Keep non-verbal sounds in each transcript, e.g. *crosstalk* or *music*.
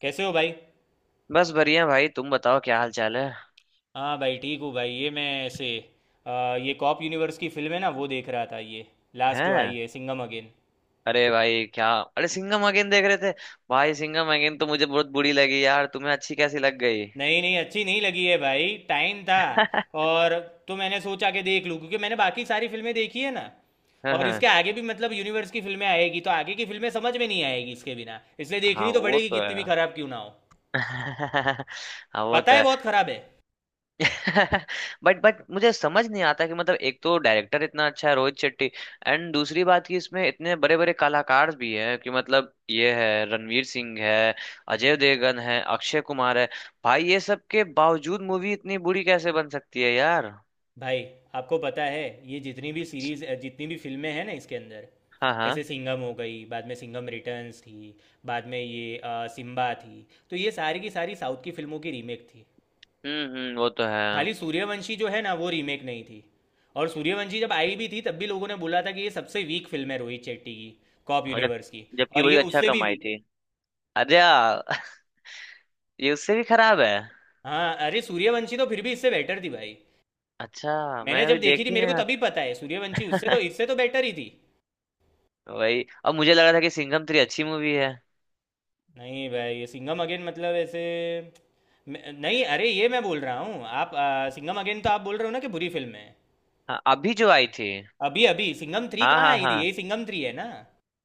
कैसे हो भाई। बस बढ़िया भाई। तुम बताओ क्या हाल चाल है। हाँ भाई, ठीक हूँ भाई। ये मैं ऐसे ये कॉप यूनिवर्स की फिल्म है ना, वो देख रहा था, ये लास्ट जो हैं। आई है, सिंघम अगेन। अरे भाई क्या, अरे सिंघम अगेन देख रहे थे। भाई सिंघम अगेन तो मुझे बहुत बुरी लगी यार, तुम्हें अच्छी कैसी लग गई? नहीं नहीं, अच्छी नहीं लगी है भाई, टाइम था *laughs* और, तो मैंने सोचा कि देख लूँ क्योंकि मैंने बाकी सारी फिल्में देखी है ना। हाँ और हाँ। इसके आगे भी मतलब यूनिवर्स की फिल्में आएगी, तो आगे की फिल्में समझ में नहीं आएगी इसके बिना, इसलिए हाँ, देखनी तो वो पड़ेगी तो है। कितनी भी खराब क्यों ना हो। *laughs* हाँ, वो पता तो है, है। बहुत खराब है *laughs* बट मुझे समझ नहीं आता कि मतलब एक तो डायरेक्टर इतना अच्छा है रोहित शेट्टी, एंड दूसरी बात कि इसमें इतने बड़े बड़े कलाकार भी हैं कि मतलब ये है, रणवीर सिंह है, अजय देवगन है, अक्षय कुमार है। भाई ये सब के बावजूद मूवी इतनी बुरी कैसे बन सकती है यार। भाई। आपको पता है, ये जितनी भी सीरीज, जितनी भी फिल्में हैं ना इसके अंदर, हाँ जैसे हाँ। सिंघम हो गई, बाद में सिंघम रिटर्न्स थी, बाद में ये सिम्बा थी, तो ये सारी की सारी साउथ की फिल्मों की रीमेक थी। हम्म, वो तो है। खाली सूर्यवंशी जो है ना, वो रीमेक नहीं थी। और सूर्यवंशी जब आई भी थी तब भी लोगों ने बोला था कि ये सबसे वीक फिल्म है रोहित शेट्टी की, कॉप और जब यूनिवर्स की। जबकि और ये वही अच्छा उससे भी कमाई वीक है। थी। अरे यार, *laughs* ये उससे भी खराब है। हाँ अरे, सूर्यवंशी तो फिर भी इससे बेटर थी भाई। अच्छा, मैंने मैं अभी जब देखी थी देखी मेरे नहीं को यार। तभी पता है, सूर्यवंशी उससे तो, इससे तो बेटर ही थी। वही, अब मुझे लगा था कि सिंघम थ्री अच्छी मूवी है। नहीं भाई, ये सिंघम अगेन मतलब ऐसे। नहीं अरे, ये मैं बोल रहा हूँ, आप सिंघम अगेन तो आप बोल रहे हो ना कि बुरी फिल्म है। हाँ, अभी जो आई थी। अभी अभी सिंघम थ्री हाँ कहाँ हाँ आई थी, हाँ। ये सिंघम थ्री है ना।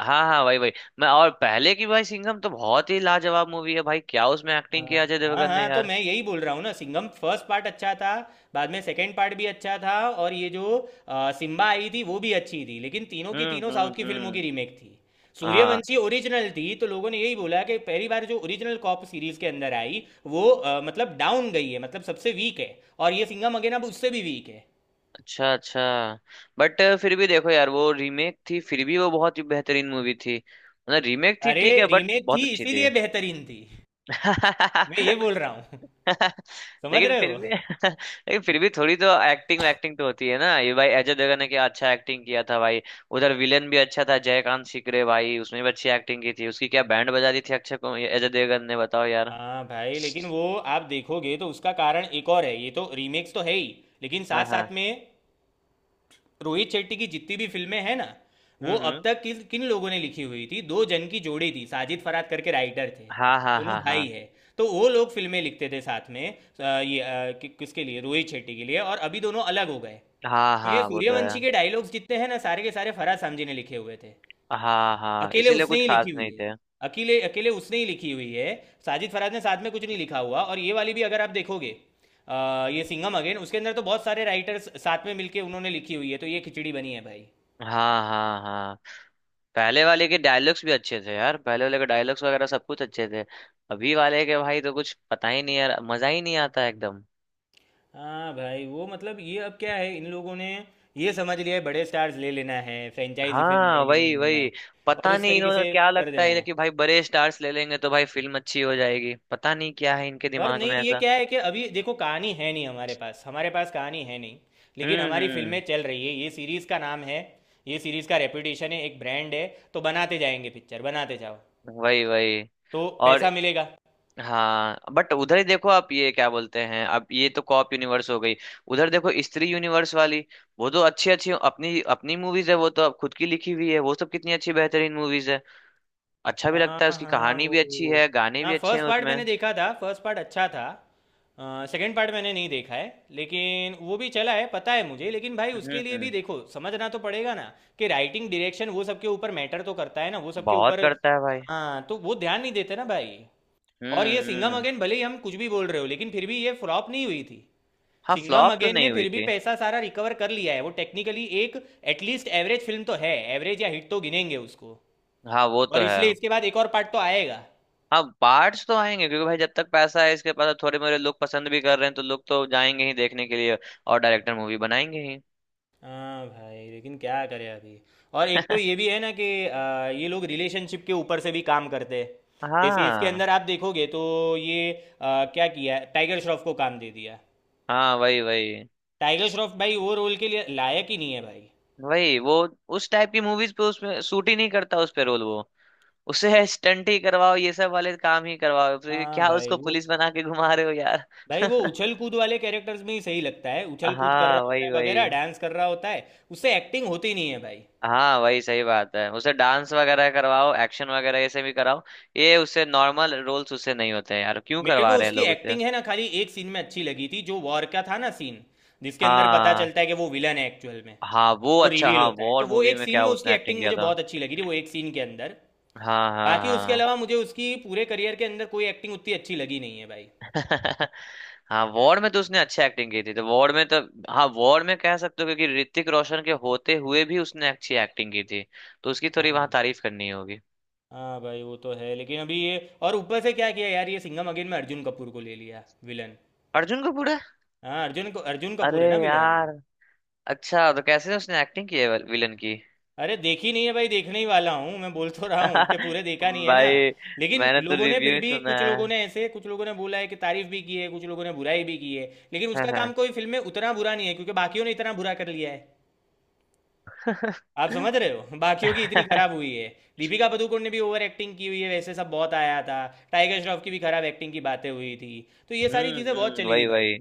हाँ हाँ, वही वही। मैं और पहले की भाई सिंघम तो बहुत ही लाजवाब मूवी है भाई, क्या उसमें हाँ एक्टिंग किया अजय हाँ देवगन ने हाँ, तो यार। मैं यही बोल रहा हूँ ना, सिंघम फर्स्ट पार्ट अच्छा था, बाद में सेकंड पार्ट भी अच्छा था, और ये जो सिम्बा आई थी वो भी अच्छी थी, लेकिन तीनों की तीनों साउथ की फिल्मों की हम्म। रीमेक थी। हाँ। सूर्यवंशी ओरिजिनल थी, तो लोगों ने यही बोला कि पहली बार जो ओरिजिनल कॉप सीरीज के अंदर आई वो मतलब डाउन गई है, मतलब सबसे वीक है। और ये सिंघम अगेन अब उससे भी वीक है। अच्छा अच्छा। बट फिर भी देखो यार, वो रीमेक थी फिर भी वो बहुत ही बेहतरीन मूवी थी, मतलब रीमेक थी अरे ठीक है बट रीमेक बहुत थी अच्छी थी। इसीलिए बेहतरीन थी, मैं ये *laughs* बोल रहा हूँ। *laughs* *laughs* समझ लेकिन रहे फिर हो। भी, *laughs* लेकिन फिर भी थोड़ी तो एक्टिंग एक्टिंग तो होती है ना। ये भाई अजय देवगन ने क्या अच्छा एक्टिंग किया था भाई। उधर विलेन भी अच्छा था जयकांत सिकरे भाई, उसने भी अच्छी एक्टिंग की थी। उसकी क्या बैंड बजा दी थी अक्षय कुमार ये अजय देवगन ने, बताओ यार। हाँ भाई, लेकिन वो, आप देखोगे तो उसका कारण एक और है। ये तो रीमेक्स तो है ही, लेकिन साथ हाँ हाँ। साथ में रोहित शेट्टी की जितनी भी फिल्में हैं ना, वो अब हम्म। तक किस किन लोगों ने लिखी हुई थी, दो जन की जोड़ी थी, साजिद फरहाद करके राइटर थे, हाँ हाँ दोनों हाँ हाँ। भाई है। तो वो लोग फिल्में लिखते थे साथ में किसके लिए? रोहित शेट्टी के लिए। और अभी दोनों अलग हो गए। हाँ तो ये हाँ, वो तो है। सूर्यवंशी के डायलॉग्स जितने हैं ना, सारे के सारे फरहाद सामजी ने लिखे हुए थे, हाँ हाँ, अकेले इसीलिए उसने कुछ ही खास लिखी हुई नहीं है, थे। अकेले अकेले उसने ही लिखी हुई है। साजिद फराज ने साथ में कुछ नहीं लिखा हुआ। और ये वाली भी अगर आप देखोगे, ये सिंघम अगेन उसके अंदर तो बहुत सारे राइटर्स साथ में मिलके उन्होंने लिखी हुई है, तो ये खिचड़ी बनी है भाई। हाँ हाँ हाँ। पहले वाले के डायलॉग्स भी अच्छे थे यार, पहले वाले के डायलॉग्स वगैरह सब कुछ अच्छे थे। अभी वाले के भाई तो कुछ पता ही नहीं यार, मजा ही नहीं आता एकदम। हाँ भाई वो मतलब, ये अब क्या है, इन लोगों ने ये समझ लिया है बड़े स्टार्स ले लेना है, फ्रेंचाइजी फिल्म ले हाँ, लेनी वही है वही। और पता उस नहीं तरीके इन्होंने से क्या कर लगता देना है है। कि भाई बड़े स्टार्स ले लेंगे तो भाई फिल्म अच्छी हो जाएगी, पता नहीं क्या है इनके और दिमाग नहीं, में ये ऐसा। क्या है कि अभी देखो कहानी है नहीं हमारे पास, कहानी है नहीं, लेकिन हमारी फिल्में हम्म, चल रही है, ये सीरीज का नाम है, ये सीरीज का रेपुटेशन है, एक ब्रांड है, तो बनाते जाएंगे पिक्चर, बनाते जाओ, वही वही। तो और पैसा मिलेगा। हाँ, बट उधर ही देखो आप। ये क्या बोलते हैं अब ये तो कॉप यूनिवर्स हो गई। उधर देखो स्त्री यूनिवर्स वाली, वो तो अच्छी अच्छी अपनी अपनी मूवीज है। वो तो अब खुद की लिखी हुई है, वो सब कितनी अच्छी बेहतरीन मूवीज है। अच्छा भी हाँ लगता है, उसकी हाँ कहानी भी अच्छी वो, है, गाने भी हाँ अच्छे हैं फर्स्ट पार्ट उसमें। मैंने देखा था, फर्स्ट पार्ट अच्छा था। सेकंड पार्ट मैंने नहीं देखा है लेकिन वो भी चला है पता है मुझे, लेकिन भाई उसके लिए भी हम्म। देखो समझना तो पड़ेगा ना कि राइटिंग, डायरेक्शन, वो सबके ऊपर मैटर तो करता है ना, वो सबके बहुत ऊपर। करता है भाई। हाँ तो वो ध्यान नहीं देते ना भाई। और ये सिंघम हम्म। अगेन भले ही हम कुछ भी बोल रहे हो, लेकिन फिर भी ये फ्लॉप नहीं हुई थी। हाँ, सिंघम फ्लॉप तो अगेन ने नहीं हुई फिर भी थी। पैसा सारा रिकवर कर लिया है, वो टेक्निकली एक, एटलीस्ट एवरेज फिल्म तो है, एवरेज या हिट तो गिनेंगे उसको। हाँ, वो तो और है। इसलिए इसके बाद एक और पार्ट तो आएगा। हाँ, पार्ट्स तो आएंगे क्योंकि भाई जब तक पैसा है इसके पास थोड़े मोरे लोग पसंद भी कर रहे हैं तो लोग तो जाएंगे ही देखने के लिए, और डायरेक्टर मूवी बनाएंगे ही। हाँ भाई, लेकिन क्या करें अभी। और एक तो ये भी है ना कि ये लोग रिलेशनशिप के ऊपर से भी काम करते हैं। जैसे इसके हाँ अंदर आप देखोगे तो ये क्या किया है? टाइगर श्रॉफ को काम दे दिया। हाँ, वही वही टाइगर श्रॉफ, भाई वो रोल के लिए लायक ही नहीं है भाई। वही। वो उस टाइप की मूवीज पे, उसमें सूट ही नहीं करता उस पे रोल वो। उसे स्टंट ही करवाओ, ये सब वाले काम ही करवाओ, फिर हाँ क्या भाई उसको वो, पुलिस बना के घुमा रहे हो यार। भाई वो उछल *laughs* कूद वाले कैरेक्टर्स में ही सही लगता है, उछल कूद कर रहा हाँ, होता वही है वगैरह, वही। डांस कर रहा होता है, उससे एक्टिंग होती नहीं है भाई। हाँ, वही सही बात है, उसे डांस वगैरह करवाओ, एक्शन वगैरह ये से भी कराओ। ये उससे नॉर्मल रोल्स उससे नहीं होते हैं यार, क्यों मेरे को करवा रहे हैं उसकी लोग उसे। एक्टिंग है ना खाली एक सीन में अच्छी लगी थी, जो वॉर का था ना सीन, जिसके अंदर पता हाँ चलता है कि वो विलन है एक्चुअल में, हाँ, वो वो अच्छा। रिवील हाँ, होता है, तो वॉर वो मूवी एक में सीन क्या में उसकी उसने एक्टिंग एक्टिंग किया मुझे था। बहुत अच्छी लगी थी, वो एक सीन के अंदर। हाँ बाकी उसके हाँ अलावा मुझे उसकी पूरे करियर के अंदर कोई एक्टिंग उतनी अच्छी लगी नहीं है भाई। हाँ। *laughs* हाँ, वॉर में तो उसने अच्छी एक्टिंग की थी, तो वॉर में तो हाँ, वॉर में कह सकते हो क्योंकि ऋतिक रोशन के होते हुए भी उसने अच्छी एक्टिंग की थी, तो उसकी थोड़ी वहां हाँ तारीफ करनी होगी। हाँ भाई वो तो है, लेकिन अभी ये, और ऊपर से क्या किया यार, ये सिंघम अगेन में अर्जुन कपूर को ले लिया विलन। अर्जुन कपूर है? हाँ अर्जुन को, अर्जुन कपूर अरे है ना विलन। यार। अच्छा, तो कैसे उसने एक्टिंग की है विलन की? अरे देखी नहीं है भाई, देखने ही वाला हूँ, मैं बोल तो रहा हूँ कि पूरे *laughs* देखा नहीं है ना। भाई, लेकिन मैंने तो लोगों ने फिर रिव्यू भी, सुना कुछ लोगों ने ऐसे, कुछ लोगों ने बोला है कि तारीफ भी की है, कुछ लोगों ने बुराई भी की है। लेकिन उसका है। *laughs* काम कोई फिल्म में उतना बुरा नहीं है क्योंकि बाकियों ने इतना बुरा कर लिया है। आप समझ रहे हो, बाकियों की इतनी खराब हुई है। दीपिका पादुकोण ने भी ओवर एक्टिंग की हुई है, वैसे सब बहुत आया था। टाइगर श्रॉफ की भी खराब एक्टिंग की बातें हुई थी। तो ये सारी चीज़ें बहुत हम्म, चली थी वही भाई। वही।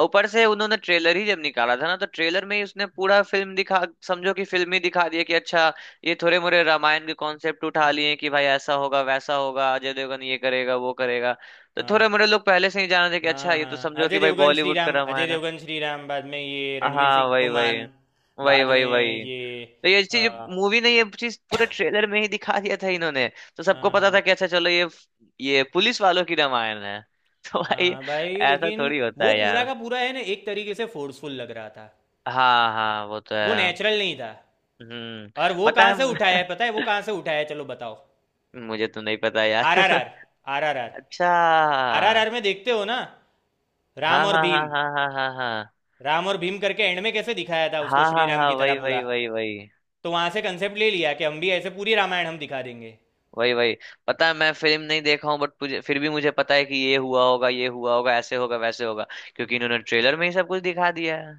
ऊपर से उन्होंने ट्रेलर ही जब निकाला था ना, तो ट्रेलर में ही उसने पूरा फिल्म दिखा, समझो कि फिल्म ही दिखा दिया कि अच्छा, ये थोड़े मोरे रामायण के कॉन्सेप्ट उठा लिए कि भाई ऐसा होगा वैसा होगा, अजय देवगन ये करेगा वो करेगा। तो थोड़े हाँ मोरे लोग पहले से ही जान रहे थे कि अच्छा, हाँ ये तो हाँ, समझो कि अजय भाई देवगन श्री बॉलीवुड का राम, अजय रामायण है। देवगन श्री राम, बाद में ये रणवीर सिंह हाँ, वही हनुमान, वही वही बाद वही में वही। ये तो ये चीज आ, मूवी ने, ये चीज पूरे ट्रेलर में ही दिखा दिया था इन्होंने। तो सबको पता था हाँ कि अच्छा चलो ये पुलिस वालों की रामायण है। *laughs* तो भाई, हाँ भाई, ऐसा लेकिन थोड़ी होता वो है पूरा यार। का पूरा है ना एक तरीके से फोर्सफुल लग रहा था, हाँ हाँ, वो तो वो है। नेचुरल नहीं था। हम्म। और वो पता कहाँ है? *laughs* से उठाया है पता है, वो कहाँ से उठाया है, चलो बताओ। मुझे तो नहीं पता आर आर यार। आर *laughs* RRR, अच्छा। RRR में देखते हो ना, राम हाँ और हाँ हाँ भीम, हाँ हाँ हाँ हाँ राम और भीम करके एंड में कैसे दिखाया था उसको हाँ श्री हाँ हाँ राम हाँ, की तरह वही पूरा, वही वही वही तो वहां से कंसेप्ट ले लिया कि हम भी ऐसे पूरी रामायण हम दिखा देंगे। वही वही। पता है मैं फिल्म नहीं देखा हूँ बट मुझे फिर भी मुझे पता है कि ये हुआ होगा, ये हुआ होगा, ऐसे होगा वैसे होगा, क्योंकि इन्होंने ट्रेलर में ही सब कुछ दिखा दिया है।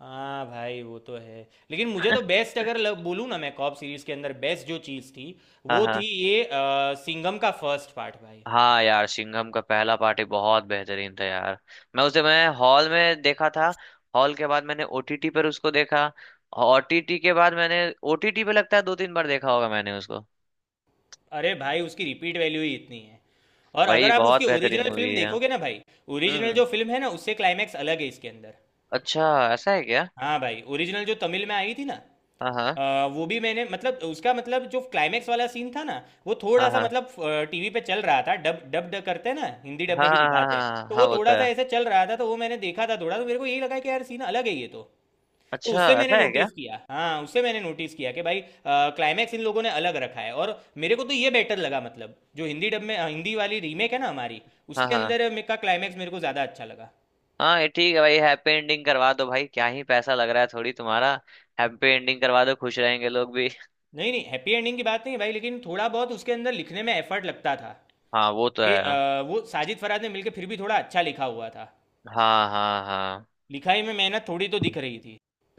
हाँ भाई वो तो है, लेकिन मुझे तो बेस्ट अगर बोलूं ना मैं, कॉप सीरीज के अंदर बेस्ट जो चीज़ थी, हाँ वो थी हाँ। ये सिंघम का फर्स्ट पार्ट भाई। हाँ यार, सिंघम का पहला पार्टी बहुत बेहतरीन था यार। मैं हॉल में देखा था। हॉल के बाद मैंने ओटीटी पर उसको देखा। ओटीटी के बाद मैंने ओटीटी पे लगता है दो तीन बार देखा होगा मैंने उसको। अरे भाई उसकी रिपीट वैल्यू ही इतनी है। और अगर भाई आप उसकी बहुत बेहतरीन ओरिजिनल मूवी फिल्म है। देखोगे ना भाई, हम्म ओरिजिनल हम्म। जो फिल्म है ना, उससे क्लाइमैक्स अलग है इसके अंदर। अच्छा, ऐसा है क्या? हाँ भाई, ओरिजिनल जो तमिल में आई थी ना, हाँ हाँ अ, वो भी मैंने मतलब, उसका मतलब जो क्लाइमेक्स वाला सीन था ना, वो थोड़ा हाँ सा हाँ मतलब, टीवी पे चल रहा था डब डब डब करते हैं ना, हिंदी डब में हाँ भी हाँ हाँ दिखाते हैं, हाँ तो वो हाँ, वो तो थोड़ा सा है। ऐसे चल रहा था, तो वो मैंने देखा था थोड़ा, तो मेरे को यही लगा कि यार सीन अलग है ये तो। तो अच्छा, उससे मैंने ऐसा है क्या? नोटिस किया, हाँ उससे मैंने नोटिस किया कि भाई क्लाइमैक्स इन लोगों ने अलग रखा है और मेरे को तो ये बेटर लगा, मतलब जो हिंदी डब में हिंदी वाली रीमेक है ना हमारी, हाँ उसके हाँ अंदर का क्लाइमैक्स मेरे को ज़्यादा अच्छा लगा। हाँ। ये ठीक है भाई, हैप्पी एंडिंग करवा दो भाई, क्या ही पैसा लग रहा है थोड़ी तुम्हारा। हैप्पी एंडिंग करवा दो, खुश रहेंगे लोग भी। नहीं नहीं हैप्पी एंडिंग की बात नहीं है भाई, लेकिन थोड़ा बहुत उसके अंदर लिखने में एफर्ट लगता था हाँ, वो तो कि है। वो साजिद फराज ने मिलके फिर भी थोड़ा अच्छा लिखा हुआ था, हाँ हाँ हाँ। लिखाई में मेहनत थोड़ी तो दिख रही थी।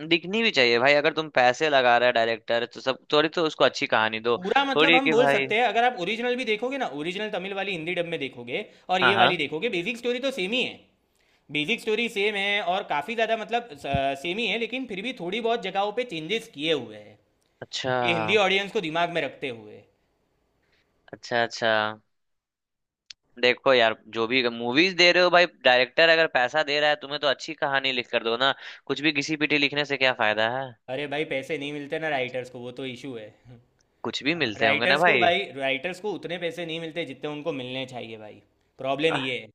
दिखनी भी चाहिए भाई, अगर तुम पैसे लगा रहे डायरेक्टर तो सब थोड़ी तो उसको अच्छी कहानी दो। पूरा थोड़ी मतलब है हम कि बोल भाई। सकते हैं, अगर आप ओरिजिनल भी देखोगे ना, ओरिजिनल तमिल वाली हिंदी डब में देखोगे और हाँ ये हाँ। वाली देखोगे, बेसिक स्टोरी तो सेम ही है, बेसिक स्टोरी सेम है और काफ़ी ज़्यादा मतलब सेम ही है, लेकिन फिर भी थोड़ी बहुत जगहों पे चेंजेस किए हुए हैं अच्छा कि हिंदी ऑडियंस को दिमाग में रखते हुए। अच्छा। अच्छा देखो यार, जो भी मूवीज दे रहे हो भाई डायरेक्टर अगर पैसा दे रहा है तुम्हें तो अच्छी कहानी लिख कर दो ना, कुछ भी घिसी पिटी लिखने से क्या फायदा है। अरे भाई पैसे नहीं मिलते ना राइटर्स को, वो तो इशू है। कुछ भी मिलते होंगे ना राइटर्स को भाई। भाई, राइटर्स को उतने पैसे नहीं मिलते जितने उनको मिलने चाहिए भाई। प्रॉब्लम आह। ये है।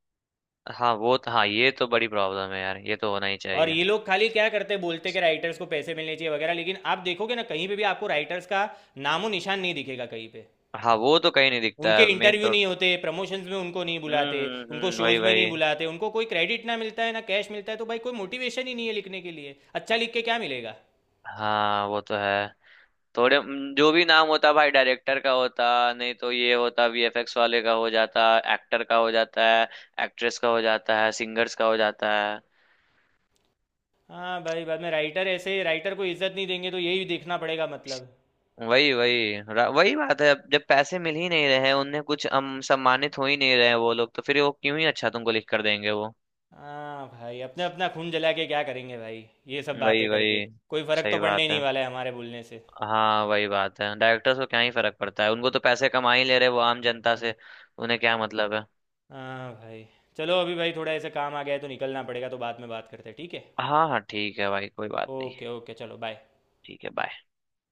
हाँ, वो तो हाँ ये तो बड़ी प्रॉब्लम है यार, ये तो होना ही और चाहिए। ये लोग खाली क्या करते, बोलते कि राइटर्स को पैसे मिलने चाहिए वगैरह, लेकिन आप देखोगे ना कहीं पे भी आपको राइटर्स का नामो निशान नहीं दिखेगा कहीं पे। हाँ, वो तो कहीं नहीं दिखता उनके है मेन इंटरव्यू तो। नहीं होते, प्रमोशंस में उनको नहीं बुलाते, उनको हम्म, वही शोज में नहीं वही। बुलाते, उनको कोई क्रेडिट ना मिलता है ना कैश मिलता है, तो भाई कोई मोटिवेशन ही नहीं है लिखने के लिए। अच्छा लिख के क्या मिलेगा। हाँ, वो तो है। जो भी नाम होता भाई डायरेक्टर का होता, नहीं तो ये होता वीएफएक्स वाले का हो जाता, एक्टर का हो जाता है, एक्ट्रेस का हो जाता है, सिंगर्स का हो जाता है। हाँ भाई, बाद में राइटर, ऐसे राइटर को इज्जत नहीं देंगे तो यही देखना पड़ेगा मतलब। वही वही। वही बात है, अब जब पैसे मिल ही नहीं रहे हैं उन्हें कुछ, हम सम्मानित हो ही नहीं रहे हैं वो लोग, तो फिर वो क्यों ही अच्छा तुमको लिख कर देंगे वो। हाँ भाई, अपने अपना खून जला के क्या करेंगे भाई, ये सब वही बातें वही। करके, कोई फर्क तो सही पड़ने ही बात नहीं है। वाला है हमारे बोलने से। हाँ, वही बात है, डायरेक्टर्स को क्या ही फर्क पड़ता है, उनको तो पैसे कमा ही ले रहे हैं वो आम जनता हम्म। से, उन्हें क्या मतलब है। हाँ भाई, चलो अभी भाई थोड़ा ऐसे काम आ गया है तो निकलना पड़ेगा, तो बाद में बात करते हैं ठीक है। हाँ हाँ, ठीक है भाई कोई बात नहीं। ओके ओके चलो बाय। ठीक है, बाय।